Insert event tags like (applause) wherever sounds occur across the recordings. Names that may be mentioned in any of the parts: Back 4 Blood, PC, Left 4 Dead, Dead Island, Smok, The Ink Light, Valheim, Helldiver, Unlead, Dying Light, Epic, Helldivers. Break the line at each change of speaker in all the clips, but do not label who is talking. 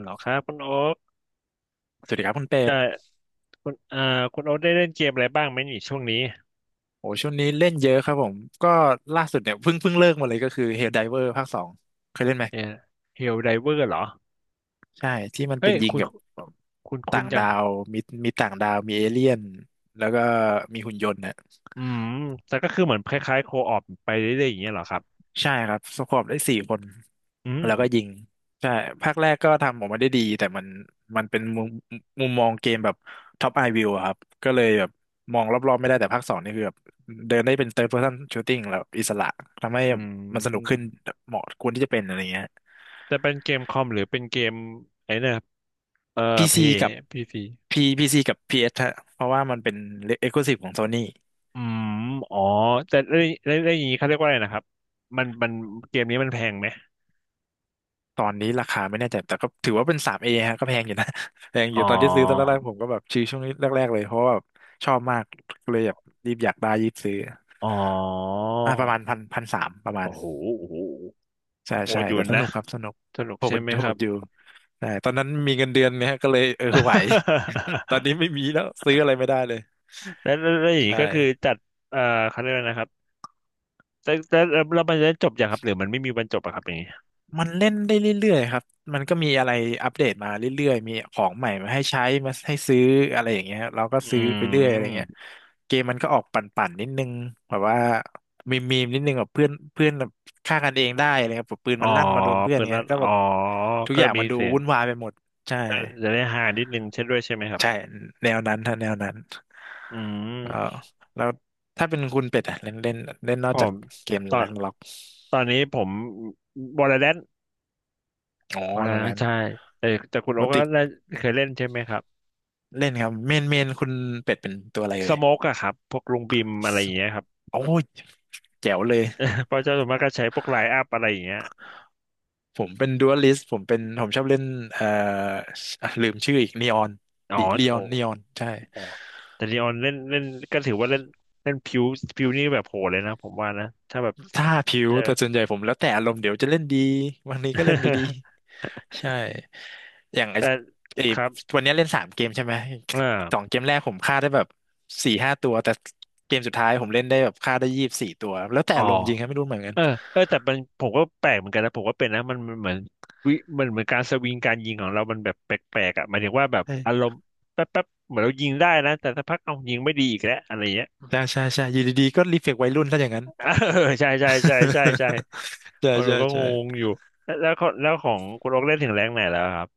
เหรอครับคุณโอ๊ค
สวัสดีครับคุณเป็
แต่
ด
คุณคุณโอ๊คได้เล่นเกมอะไรบ้างไหมนี่ช่วงนี้
โอ้ช่วงนี้เล่นเยอะครับผมก็ล่าสุดเนี่ยเพิ่งเลิกมาเลยก็คือ Helldiver ภาคสองเคยเล่นไหม
เนี่ยเฮลไดเวอร์เหรอ
ใช่ที่มัน
เฮ้
เป็
ย
นยิง
คุณ
กับ
คุณ
ต่าง
จัง
ดาวมีมีต่างดาวมีเอเลี่ยนแล้วก็มีหุ่นยนต์นะ
อืมแต่ก็คือเหมือนคล้ายๆโคออปไปเรื่อยๆอย่างเงี้ยเหรอครับ
ใช่ครับสควอตได้สี่คน
อืม
แล้วก็ยิงใช่ภาคแรกก็ทำออกมาได้ดีแต่มันเป็นมุมมองเกมแบบท็อปไอวิวครับก็เลยแบบมองรอบๆไม่ได้แต่ภาคสองนี่คือแบบเดินได้เป็น third person shooting แล้วอิสระทำให้
อื
มันสนุกขึ้น
ม
เหมาะควรที่จะเป็นอะไรเงี้ย
จะเป็นเกมคอมหรือเป็นเกมไอ้เนี่ยเอ่อ
พี
เพ
ซี
ย์
กับ
พีซี
P PC กับ PS ฮะเพราะว่ามันเป็น exclusive ของ Sony
อืมอ๋อแต่เรื่องอย่างนี้เขาเรียกว่าอะไรนะครับมันเกมนี้มันแพงไหม
ตอนนี้ราคาไม่แน่ใจแต่ก็ถือว่าเป็นสามเอฮะก็แพงอยู่นะ (laughs) แพงอ
อ๋อ
ยู่ตอนที่ซื้อตอนแรกๆผมก็แบบชื่อช่วงนี้แรกๆเลยเพราะว่าแบบชอบมากเลยแบบรีบอยากได้รีบซื้อ
อ๋อ
ประมาณพันสามประมาณ
โอ้โหโอ้โห
ใช่
โห
ใช่
ดอยู่
แต่ส
นะ
นุกครับสนุก
สนุก
โห
ใช่
ด
ไหม
โห
ครั
ด
บ
อยู่ใช่ตอนนั้นมีเงินเดือนเนี่ยก็เลยเออไหว (laughs) ตอนนี้ไม่
(laughs)
มีแล้วซื้ออะไรไม่ได้เลย
แล้วอย่างนี้
ใช่
ก็คือจัดเอ่อเขาเรียกว่นะครับแต่แล้วมันจะจบอย่างครับหรือมันไม่มีวันจบอะครับอย่างนี้
มันเล่นได้เรื่อยๆครับมันก็มีอะไรอัปเดตมาเรื่อยๆมีของใหม่มาให้ใช้มาให้ซื้ออะไรอย่างเงี้ยเราก็
อื
ซื้อไปเรื่อยอะไรเงี้ย
ม
เกมมันก็ออกปั่นๆนิดนึงแบบว่ามีนิดนึงแบบเพื่อนเพื่อนแบบฆ่ากันเองได้อะไรครับแบบปืน
อ๋อ
มันลั่นมาโดนเพื่อน
เปิดแล้
เงี้
ว
ยก็
อ๋
แบ
อ
บทุก
ก็
อย่าง
มี
มันดู
เสียง
วุ่นวายไปหมดใช่
ก็จะได้ฮานิดนึงเช่นด้วยใช่ไหมครับ
ใช่แนวนั้นถ้าแนวนั้น
อื
เออ
ม
แล้วถ้าเป็นคุณเป็ดอะเล่นเล่นเล่นนอ
ผ
กจาก
ม
เกม
ตอน
แร็กล็อก
ตอนนี้ผมวอลเลย์แลน
อ๋อ
วอลเล
แล้ว
น
นั้น
ใช่แต่คุณโอ๊
ป
ก
ก
ก็
ติ
ได้เคยเล่นใช่ไหมครับ
เล่นครับเมนคุณเป็ดเป็นตัวอะไร
ส
เลย
โมกอะครับพวกลุงบิมอะไรอย่างเงี้ยครับ
โอ้ยแจ๋วเลย
(laughs) เพราะเจ้าส่วนมากก็ใช้พวกไลน์อัพอะไรอย่างเงี้ย
ผมเป็นดูอัลิสต์ผมชอบเล่นเอ่ออ่ะลืมชื่ออีกนีออน
อ๋อ
ดิเลีย
โอ้
นนีออนใช่
อ๋อแต่ลีออนเล่นเล่นก็ถือว่าเล่นเล่นผิวผิวนี่แบบโหดเลยนะผมว่านะถ้าแบบ
ถ้าผิว
เจอ
แต่ส่วนใหญ่ผมแล้วแต่อารมณ์เดี๋ยวจะเล่นดีวันนี้ก็เล่นไม่ดี
(laughs)
ใช่อย่างไอ้
แต่
ไอ้
ครับ
วันนี้เล่นสามเกมใช่ไหม
อ่
สอง
า
เกมแรกผมฆ่าได้แบบสี่ห้าตัวแต่เกมสุดท้ายผมเล่นได้แบบฆ่าได้ยี่สิบสี่ตัวแล้วแต่
อ๋อ
อารมณ์จริงครับไม่รู้เหมือนกัน
เออเออแต่มันผมก็แปลกเหมือนกันนะผมก็เป็นนะมันเหมือนวิมันเหมือนการสวิงการยิงของเรามันแบบแปลกๆอ่ะหมายถึงว่าแบบอาร
ใช่
มณ์แป๊บเหมือนเรายิงได้นะแต่สักพักเอายิงไม่ดีอีกแล้วอะไรเงี้ย
ใช่ใช่ใช่อยู่ดีๆก็รีเฟกวัยรุ่นถ้าอย่างนั้น
(laughs) เออใช่ใช่ใช่ใช่ใช่
(laughs) ใช่
เรา
ใช่
ก็งง
ใช่
อยู่แล้วของคุณโอ๊กเล่นถึงแรงไหนแล้วครับ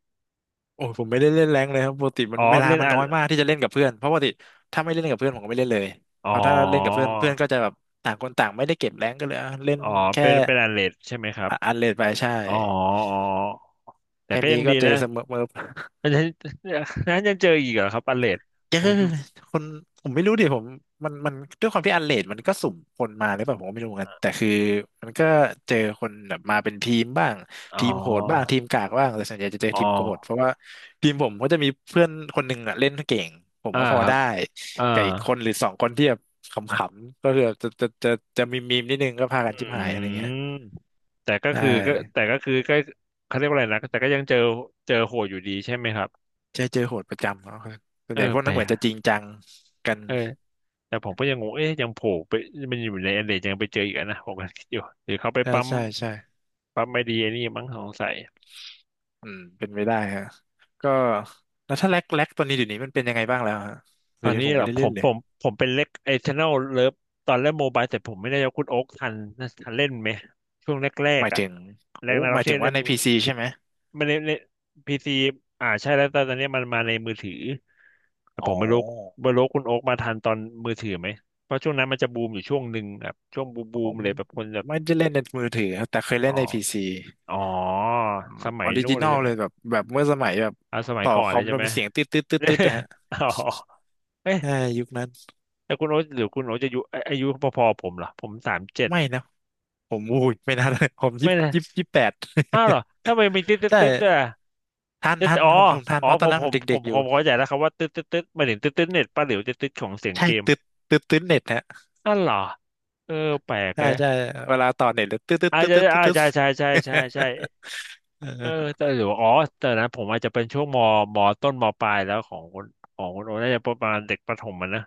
โอ้ยผมไม่ได้เล่นแรงค์เลยครับปกติมั
อ๋
น
อ
เวลา
เล่น
มันน้อยมากที่จะเล่นกับเพื่อนเพราะปกติถ้าไม่เล่นกับเพื่อนผมก็ไม่เล่นเลย
อ๋อ
เพราะถ้าเล่นกับเพื่อนเพื่อนก็จะแบบต่างคนต่างไม่ได้เก็บแรงค์ก็เลยอ่ะเล่น
อ๋อ
แค่
เป็นเป็นอันเลดใช่ไหมครับ
อันเลดไปใช่
อ๋ออ๋อแต่
แค่
ก็ยั
นี้
ง
ก็
ดี
เจอ
นะ
เสมอ
(laughs) มันจะนั้นยังเจออีกเหรอครับอันเลด
เจอ
ผมอยู่
คนผมไม่รู้ดิผมมันด้วยความที่อันเลดมันก็สุ่มคนมาหรือเปล่าผมก็ไม่รู้เหมือนกันแต่คือมันก็เจอคนแบบมาเป็นทีมบ้าง
อ๋อ
ทีมโหดบ้างทีมกากบ้างแต่ส่วนใหญ่จะเจอ
อ๋อ
ทีมโหดเพราะว่าทีมผมก็จะมีเพื่อนคนหนึ่งอะเล่นเก่งผม
อ่า
ว่าพอ
ครับ
ได้
อ่า
กับอีกคนหรือสองคนที่แบบขำๆก็คือจะมีนิดนึงก็พากั
อื
นจิ้มหายอะไรเงี้ย
มแต่ก็
ใช่
คือก็แต่ก็คือก็เขาเรียกว่าอะไรนะแต่ก็ยังเจอเจอโหดอยู่ดีใช่ไหมครับ
เจอโหดประจำเขาส่ว
เอ
น
อ
ใหญ่พวก
แป
นั้
ล
นเหมือ
ก
นจะจริงจังกัน
เออแต่ผมก็ยังงงเอ๊ะยังโผล่ไปมันอยู่ในอันเลดยังไปเจออีกอะนะผมก็คิดอยู่หรือเขาไป
ใช่
ปั๊ม
ใช่ใช่
ไม่ดีไอ้นี่มั้งสงสัย
อืมเป็นไปได้ฮะก็แล้วถ้าแร็กตัวนี้เดี๋ยวนี้มันเป็นยังไงบ้างแล้วฮะ
ตอ
เดี๋ย
น
วนี้
นี้
ผม
เหร
ไม่
อ
ได้
ผ
เล่น
ม
เล
ผ
ย
มผมเป็นเล็กไอชแนลเลิฟตอนเล่นโมบายแต่ผมไม่ได้ยกคุณโอ๊คทันทันเล่นไหมช่วงแร
ห
ก
มาย
ๆอ่ะ
ถึง
แร
โอ้
กนา
ห
ร็อก
มาย
เช่
ถึง
เล่
ว่า
น
ในพีซีใช่ไหม
ไม่เล่นเล่นพีซีอ่าใช่แล้วแต่ตอนนี้มันมาในมือถือแต่ผ
อ๋อ
มไม่รู้ไม่รู้คุณโอ๊คมาทันตอนมือถือไหมเพราะช่วงนั้นมันจะบูมอยู่ช่วงหนึ่งแบบช่วงบูม
อ๋
บู
อ
มเลยแบบคนแบบ
ไม่ได้เล่นในมือถือครับแต่เคยเล่
อ๋
น
อ
ในพีซี
อ๋อสมั
อ
ย
อริ
นู้
จิ
น
น
เล
อ
ย
ล
ใช่ไหม
เลยแบบเมื่อสมัยแบบ
อ่าสมัย
ต่อ
ก่อน
ค
เล
อ
ย
ม
ใช่
แล้ว
ไหม
มีเสียงตืดตืดตืดตืดนะฮะ
เอ๋ (laughs) อเอ๊ะ
ใช่ยุคนั้น
แต่คุณโอ๊ตหรือคุณโอ๊ตจะอายุอายุพอๆผมเหรอผมสามเจ็ด
ไม่นะผมอุ้ยไม่น่าเลยผม
ไม่นะ
ยี่สิบแปด
อ้าวเหรอถ้าไม่นมีตึ๊ด
(laughs)
ตึ๊ด
ใช่
ตึ๊ดด้วยอะ
ทัน
จะ
ทัน
อ๋อ
ผมทัน
อ๋อ
เพราะต
ผ
อน
ม
นั้น
ผ
ผม
มผ
เด็ก
ม
ๆอ
ผ
ยู่
มเข้าใจแล้วครับว่าตึ๊ดตึ๊ดตึ๊ดหมายถึงตึ๊ดตึ๊ดเน็ตป้าหลิวจะตึ๊ดของเสียง
ใช่
เกม
ตืดตืดเน็ตฮะ
อ้าวเหรอเออแปลก
ใช่
เลย
ใช่เวลาต่อเน็ตเลยตึ๊ดตึ๊ด
อาจ
ตึ๊ด
จะ
ตึ๊ดตึ๊ดตึ๊ด
ใช่ใช่ใช่ใช่ใช่
(laughs)
เออ
เออ
แต่หรือว่าอ๋อแต่นะผมอาจจะเป็นช่วงมมต้นมปลายแล้วของคนของคนโอน่าจะประมาณเด็กประถมมันนะ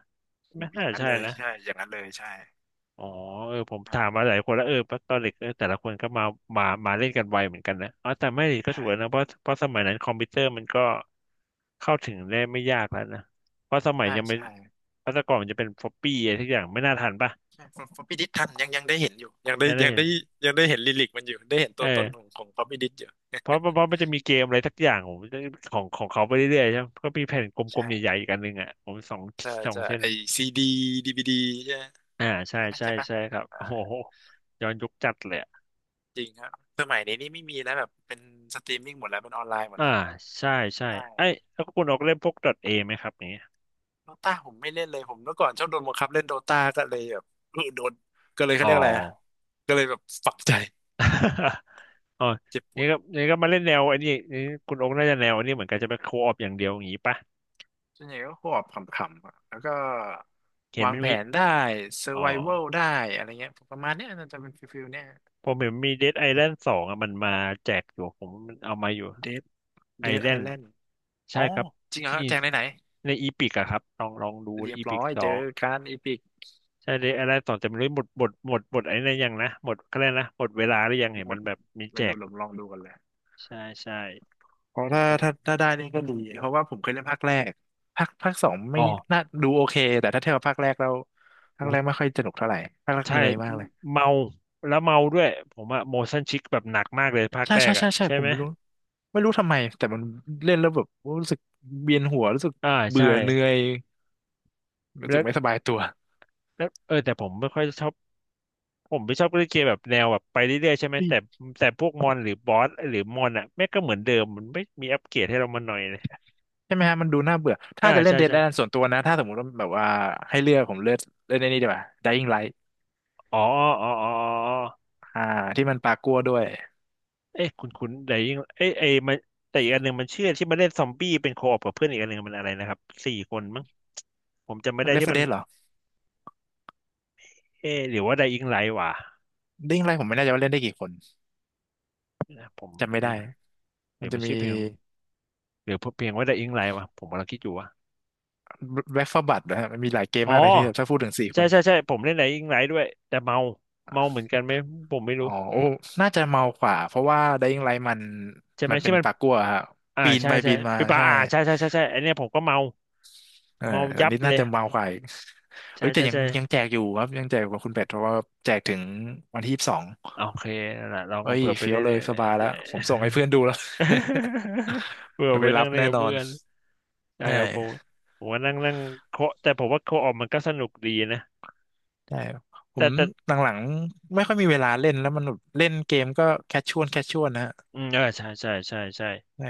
ไม่
อ
น่า
ย่างนั้น
ใช่
เลย
นะ
ใช่อย่างนั้นเลยใช่
อ๋อเออผม
อ่
ถาม
า
มาหลายคนแล้วเออตอนเด็กเออแต่ละคนก็มามาเล่นกันไวเหมือนกันนะอ๋อแต่ไม่ก็ถูกแล้ว
ใช่
นะเพราะสมัยนั้นคอมพิวเตอร์มันก็เข้าถึงได้ไม่ยากแล้วนะเพราะสมัย
ใช่
ยังไม่
ใช่
เพราะแต่ก่อนมันจะเป็นฟอปปี้อะไรทุกอย่างไม่น่าทันป่ะ
ใช่ผมพิดิษทันยังได้เห็นอยู่
นั่นเอง
ยังได้เห็นลิกมันอยู่ได้เห็น
เอ
ตัวตนของ
อ
ของป๊อปปี้ดิษอยู่
เพราะมันจะมีเกมอะไรสักอย่างผมของเขาไปเรื่อยๆใช่ไหมก็มีแผ่นกลม
ใช่
ๆใหญ่ๆอีกอันหนึ่งอ่ะผมสอง
ใช่
สอง
ใช่
เส้น
ไอซีดีดีวีดีใช่
อ่าใช่
ไหม
ใช่
ใช่ปะ
ใช่ครับ
อ่า
โอ้โหย้อนยุคจัดเลย
จริงครับสมัยนี้นี่ไม่มีแล้วแบบเป็นสตรีมมิ่งหมดแล้วเป็นออนไลน์หมด
อ่า
แล้ว
ใช่ใช่
ใช่
ไอ้ยแล้วคุณออกเล่นพวก .a ไหมครับอย่างเงี้ย
โดตาผมไม่เล่นเลยผมเมื่อก่อนชอบโดนบังคับเล่นโดตาก็เลยแบบ (laughs) เออโดนก็เลยเขา
อ๋อ
เรียกอะไรอะ ก็เลยแบบฝังใจ
(laughs) อ๋อ
เจ็บป
นี่
วด
ก็นี่ก็มาเล่นแนวไอ้นี่นี่คุณโอ๊คน่าจะแนวอันนี้เหมือนกันจะไปโคออปอย่างเดียวอย่างนี้ปะ
ส่วนใหญ่ก็หอบขำๆอะแล้วก็
เห็น
วา
มั
ง
น
แผ
มี
นได้เซอ
อ๋อ
ร์ไววัลได้อะไรเงี้ยประมาณเนี้ยน่าจะเป็นฟิลเนี้ย
ผมเห็นมีเดดไอแลนด์สองอะมันมาแจกอยู่ผมมันเอามาอยู่
เดด
ไอ
เดด
แล
ไอ
นด์
แลนด์อ๋
ใช่
อ
ครับ
จริงเหรอ
ที่
แจงไหนไหน
ในอีพิกอะครับลองดูใน
เรียบ
อีพิ
ร้
ก
อย
สอ
เจอ
ง
การอีพิก
ใช่เดดไอแลนด์สองจะไม่รู้หมดไอ้นั่นยังนะหมดเขแเรนะหมดเวลาหรือยังเห็น
หม
มั
ด
นแบบมีแจ
ไม่รู้
ก
ลองลองดูกันเลย
ใช่ใช่
เพราะ
ผม
ถ้า
ก็
ถ้าถ้าได้นี่ก็ดีเพราะว่าผมเคยเล่นภาคแรกภาคสอง
อ๋
ไม่
อ
น่าดูโอเคแต่ถ้าเทียบกับภาคแรกแล้วภา
โอ้
คแรกไม่ค่อยสนุกเท่าไหร่ภาคแรก
ใช่
เหนื่อยมากเลย
เมาแล้วเมาด้วยผมอะ motion sick แบบหนักมากเลยภาค
ใช่
แร
ใช่
กอะ
ใช่ใช่
ใช่
ผม
ไหม
ไม่รู้ทำไมแต่มันเล่นแล้วแบบรู้สึกเวียนหัวรู้สึก
อ่า
เบื่
ใช่
อเหนื่อยรู้สึ
แล้
ก
ว
ไม่สบายตัว
แล้วแต่ผมไม่ชอบเล่นเกมแบบแนวแบบไปเรื่อยๆใช่ไหม
อุ๊ย
แต่พวกมอนหรือบอสหรือมอนอะแม่งก็เหมือนเดิมมันไม่มีอัปเกรดให้เรามาหน่อยเลย
ใช่ไหมฮะมันดูน่าเบื่อถ้า
อ่า
จะเล่น
ใช่
Dead
ใช่
Island ส่วนตัวนะถ้าสมมติว่าแบบว่าให้เลือกผมเลือกเล่นไอ้นี่ดีกว่า Dying Light
อ๋ออ๋ออ๋ออ๋อ
อ่าที่มันปลากัวด้วย
เอ้ยคุณแต่ยิ่งเอ้ยมันแต่อีกอันหนึ่งมันเชื่อที่มนเล่นซอมบี้เป็นโคออปกับเพื่อนอีกอันหนึ่งมันอะไรนะครับสี่คนมั้งผมจำไม่ได้
Left
ที่
4
มัน
Dead เหรอ
เอ๊ะหรือว่าไดอิงไลท์วะ
Dying Light ผมไม่แน่ใจว่าเล่นได้กี่คน
นะผม
จำ
เดี๋ยว
ไม่
ไป
ได้
นะเดี๋
มั
ย
น
ว
จะ
มัน
มี
ชื่อเพลงเดี๋ยวเพียงว่า The Ink Light วะผมกำลังคิดอยู่ว่า
Back 4 Blood นะฮะมันมีหลายเกมมา
อ๋
ก
อ
เลยที่ถ้าพูดถึงสี่ค
ใช่
น
ใช่ใช่ผมเล่นไหนอิงไ ด้วยแต่เมาเมาเหมือนกันไหมผมไม่รู้
อ๋อโอ้น่าจะเมากว่าเพราะว่า Dying Light มัน
ใช่ไหม
มันเป็
ใช่
น
มัน
ปลากัวฮะ
อ่า
ปีน
ใช่
ไป
ใช่
ปีนมา
ปีปา
ใช่
อ่าใช่ใช่ใช่ใช่ไอเนี้ยผมก็เมา
เออ
เมา
อั
ยั
น
บ
นี้
เล
น่า
ย
จะเมากว่าอีก
ใช่
เอ้ยแต่
ใช่
ยัง
ใช่
ยังแจกอยู่ครับยังแจกกว่าคุณเป็ดเพราะว่าแจกถึงวันที่ 22
โอเคนั่นแหละลอง
เอ้ย
เปิดไป
เฟี้ย
เล่
ว
น
เล
เล่
ย
ย
สบายแล้วผมส่งให้เพื่อนดูแล้ว
(laughs) เปิ
(laughs)
ด
เดี๋ยว
ไป
ไปรั
นั่
บ
งเล่น
แน่
กับ
นอ
เพื่
น
อนใช่
ใช
ครับผม
่
ผมว่านั่งนั่งเคาะแต่ผมว่าเคาะออกมันก็สนุกดีนะ
ใช่ผ
แต่
ม
แต่
หลังๆไม่ค่อยมีเวลาเล่นแล้วมันแบบเล่นเกมก็แคชชวลแคชชวลนะฮะ
อืมเออใช่ใช่ใช่ใช่
ใช่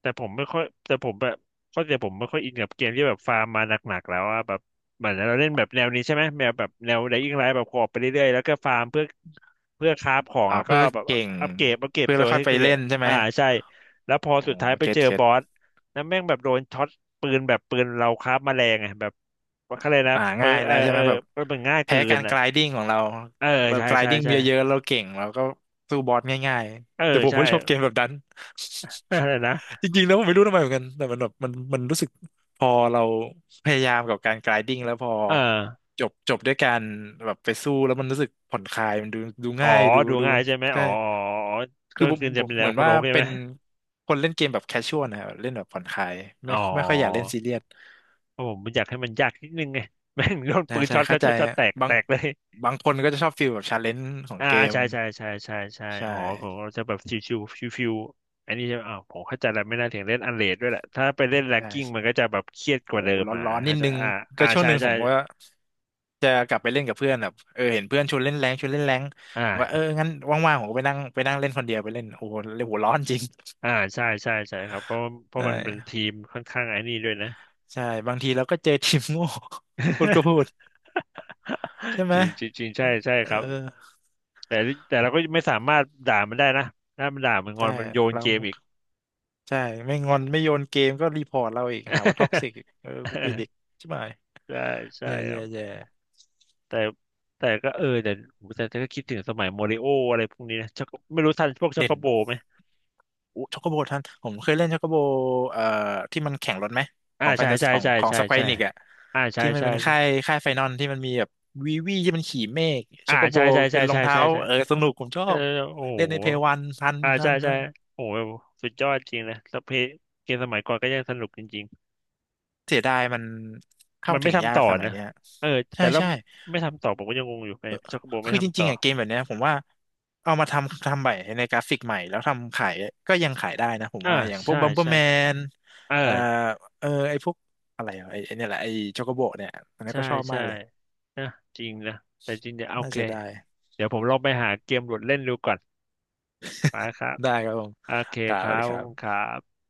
แต่ผมไม่ค่อยแต่ผมแบบเข้าใผมไม่ค่อยอินกับเกมที่แบบฟาร์มมาหนักๆแล้วอะแบบเหมือนเราเล่นแบบแนวนี้ใช่ไหมแนวแบบแนวไดอิ่งไลท์แบบขออไปเรื่อยๆแล้วก็ฟาร์มเพื่อคราฟของแล้วก็
เพื่อ
แบบ
เก่ง
อัปเกรด
เพื่อ
ตั
แล้
ว
วค่อ
ให้
ยไป
เกิ
เล่
ด
นใช่ไหม
อ่าใช่แล้วพอ
อ๋อ
สุดท้ายไป
เก็
เจอบ
ต
อสแล้วแม่งแบบโดนช็อตปืนแบบปืนเราคราฟมาแรงไงแบบว่าเขาเลยกนะเปอ
ง่าย
เอ
แล้
อ
วใช่
เอ
ไหม
อ
แบบ
มันเป็นง่าย
แพ้
เกิน
การก
อ่ะ
ลายดิ้งของเรา
เออ
เรา
ใช่
กลาย
ใช่
ดิ้ง
ใช่
เยอะๆเราเก่งเราก็สู้บอสง่าย
เออ
ๆแต่ผม
ใช่
ไม่ชอบเกมแบบนั้น
อะไรนะ
(laughs) จริงๆแล้วผมไม่รู้ทำไมเหมือนกันแต่มันแบบมันรู้สึกพอเราพยายามกับการกลายดิ้งแล้วพอ
เออ
จบด้วยการแบบไปสู้แล้วมันรู้สึกผ่อนคลายมันดูดู
อ๋อ
ง่ายดู
ดู
ดู
ง่ายใช่ไหม
ใช่
อ๋ออ๋ออ๋อ
คื
ก็
อผม
คือ
ผ
จะ
ม
เป็นแน
เหมื
ว
อน
คุณ
ว่า
โอ๊กใช่
เป็
ไหม
นคนเล่นเกมแบบแคชชวลนะครับเล่นแบบผ่อนคลาย
อ๋
ไม่
อ
ไม่ค่อยอยากเล่นซีเรียส
เพราะผมอยากให้มันยากนิดนึงไง (laughs) แม่งโดน
ใช่
ปืน
ใช่
ช็อตช็
เข้า
อต
ใจ
ช็อตช็อตแตก
บา
แต
ง
กเลย
บางคนก็จะชอบฟีลแบบชาเลนจ์ของ
อ่า
เกม
ใช่ใช่ใช่ใช่ใช่
ใช่
อ๋อเขาจะแบบชิวๆอันนี้ใช่ไหมอ๋อผมเข้าใจแล้วไม่น่าถึงเล่นอันเลดด้วยแหละถ้าไปเล่นแรง
ใช่
กิ้งมันก็จะแบบเครียดก
โอ้
ว่าเดิม
ร้อน
อ่า
ร้อนนิ
เข้า
ด
ใจ
นึง
อ่า
ก็
อ่า
ช่วง
ใช่
หนึ่งผ
ใช่
มก็จะกลับไปเล่นกับเพื่อนแบบเออเห็นเพื่อนชวนเล่นแรงชวนเล่นแรง
อ่า
ผมก็เอองั้นว่างๆผมก็ไปนั่งเล่นคนเดียวไปเล่นโอ้โหเลยหัวร้อนจริง
อ่าใช่ใช่ใช่ครับเพราะเพ
ใช
ราะมันเป็น
่
ทีมค่อนข้างไอ้นี่ด้วยนะ
ใช่บางทีเราก็เจอทีมโง่ (laughs) พูดก็พู
(laughs)
ดใช่ไห
จ
ม
ริงจริงจริงใช่ใช่
เ
ครับ
ออ
แต่แต่เราก็ไม่สามารถด่ามันได้นะถ้ามันด่ามันงอ
ใช่
นมันโยน
แล้
เก
ว
มอีก
ใช่ไม่งอนไม่โยนเกมก็รีพอร์ตเราอีกหาว่าท็อกซิ
(laughs)
กอีกเออกูผิดอีก
ใ
ใช่ไหม
ช่ใช่
แย่
ครั
แย่
บ
แย่
แต่แต่ก็เออแต่ผมแต่แต่ก็คิดถึงสมัยโมริโออะไรพวกนี้นะชักไม่รู้ทันพวกชอก
เล่
โก
น
โบไหม
อช็อกโกโบท่านผมเคยเล่นช็อกโกโบเอ่อที่มันแข่งรถไหมข
อ่า
องแฟ
ใช่
นตา
ใช่
ของ
ใช่
ของ
ใช่
สแคว
ใช่
อนิกอะ
อ่าใช่
ที่มัน
ใช่
เป็นค่าย
ใช่
ค่ายไฟนอลที่มันมีแบบวีวีที่มันขี่เมฆ
อ่า
ช็อกโกโบ
ใช่ใช่
เป็
ใช่
นรอง
ใช่
เท้า
ใช่ใช่
เออสนุกผมชอ
เออ
บ
โอ้
เล่นใน
โห
เพย์วันทัน
อ่า
ทั
ใช่
นค
ใช่
รับ
โอ้โหสุดยอดจริงนะแล้วเพลงเกมสมัยก่อนก็ยังสนุกจริง
เสียดายมัน
ๆ
เข้า
มัน
ถึ
ไม่
งยา
ทำ
ก
ต่อ
สมัย
นะ
เนี้ย
เออแต่
ใช่
แล้ว
ใช่
ไม่ทำต่อผมก็ยังงงอยู่ไงชอกโกโบไม่
คือจ
ทำ
ริ
ต่อ
งๆอ่ะเกมแบบเนี้ยผมว่าเอามาทำใหม่ในกราฟิกใหม่แล้วทำขายก็ยังขายได้นะผม
อ่า
ว่าอย่างพว
ใช่
กบัมเปอร์
ใช่
แมน
เออ
เอ่อเออไอพวกอะไรอ่ะไอไอ้เนี่ยแหละไอโชโกโบเนี่ยอันนี้
ใช่
ก็ชอบมา
ใช่
กเลย
นะจริงนะแต่จริงเนี่ยโอ
น่า
เค
เสียดาย
เดี๋ยวผมลองไปหาเกมโหลดเล่นดูก่อนไปครับ
ได้ครับผม
โอเค
กล่า
ค
ว
รั
เล
บ
ยค
ขอ
รั
บคุณค
บ
รับ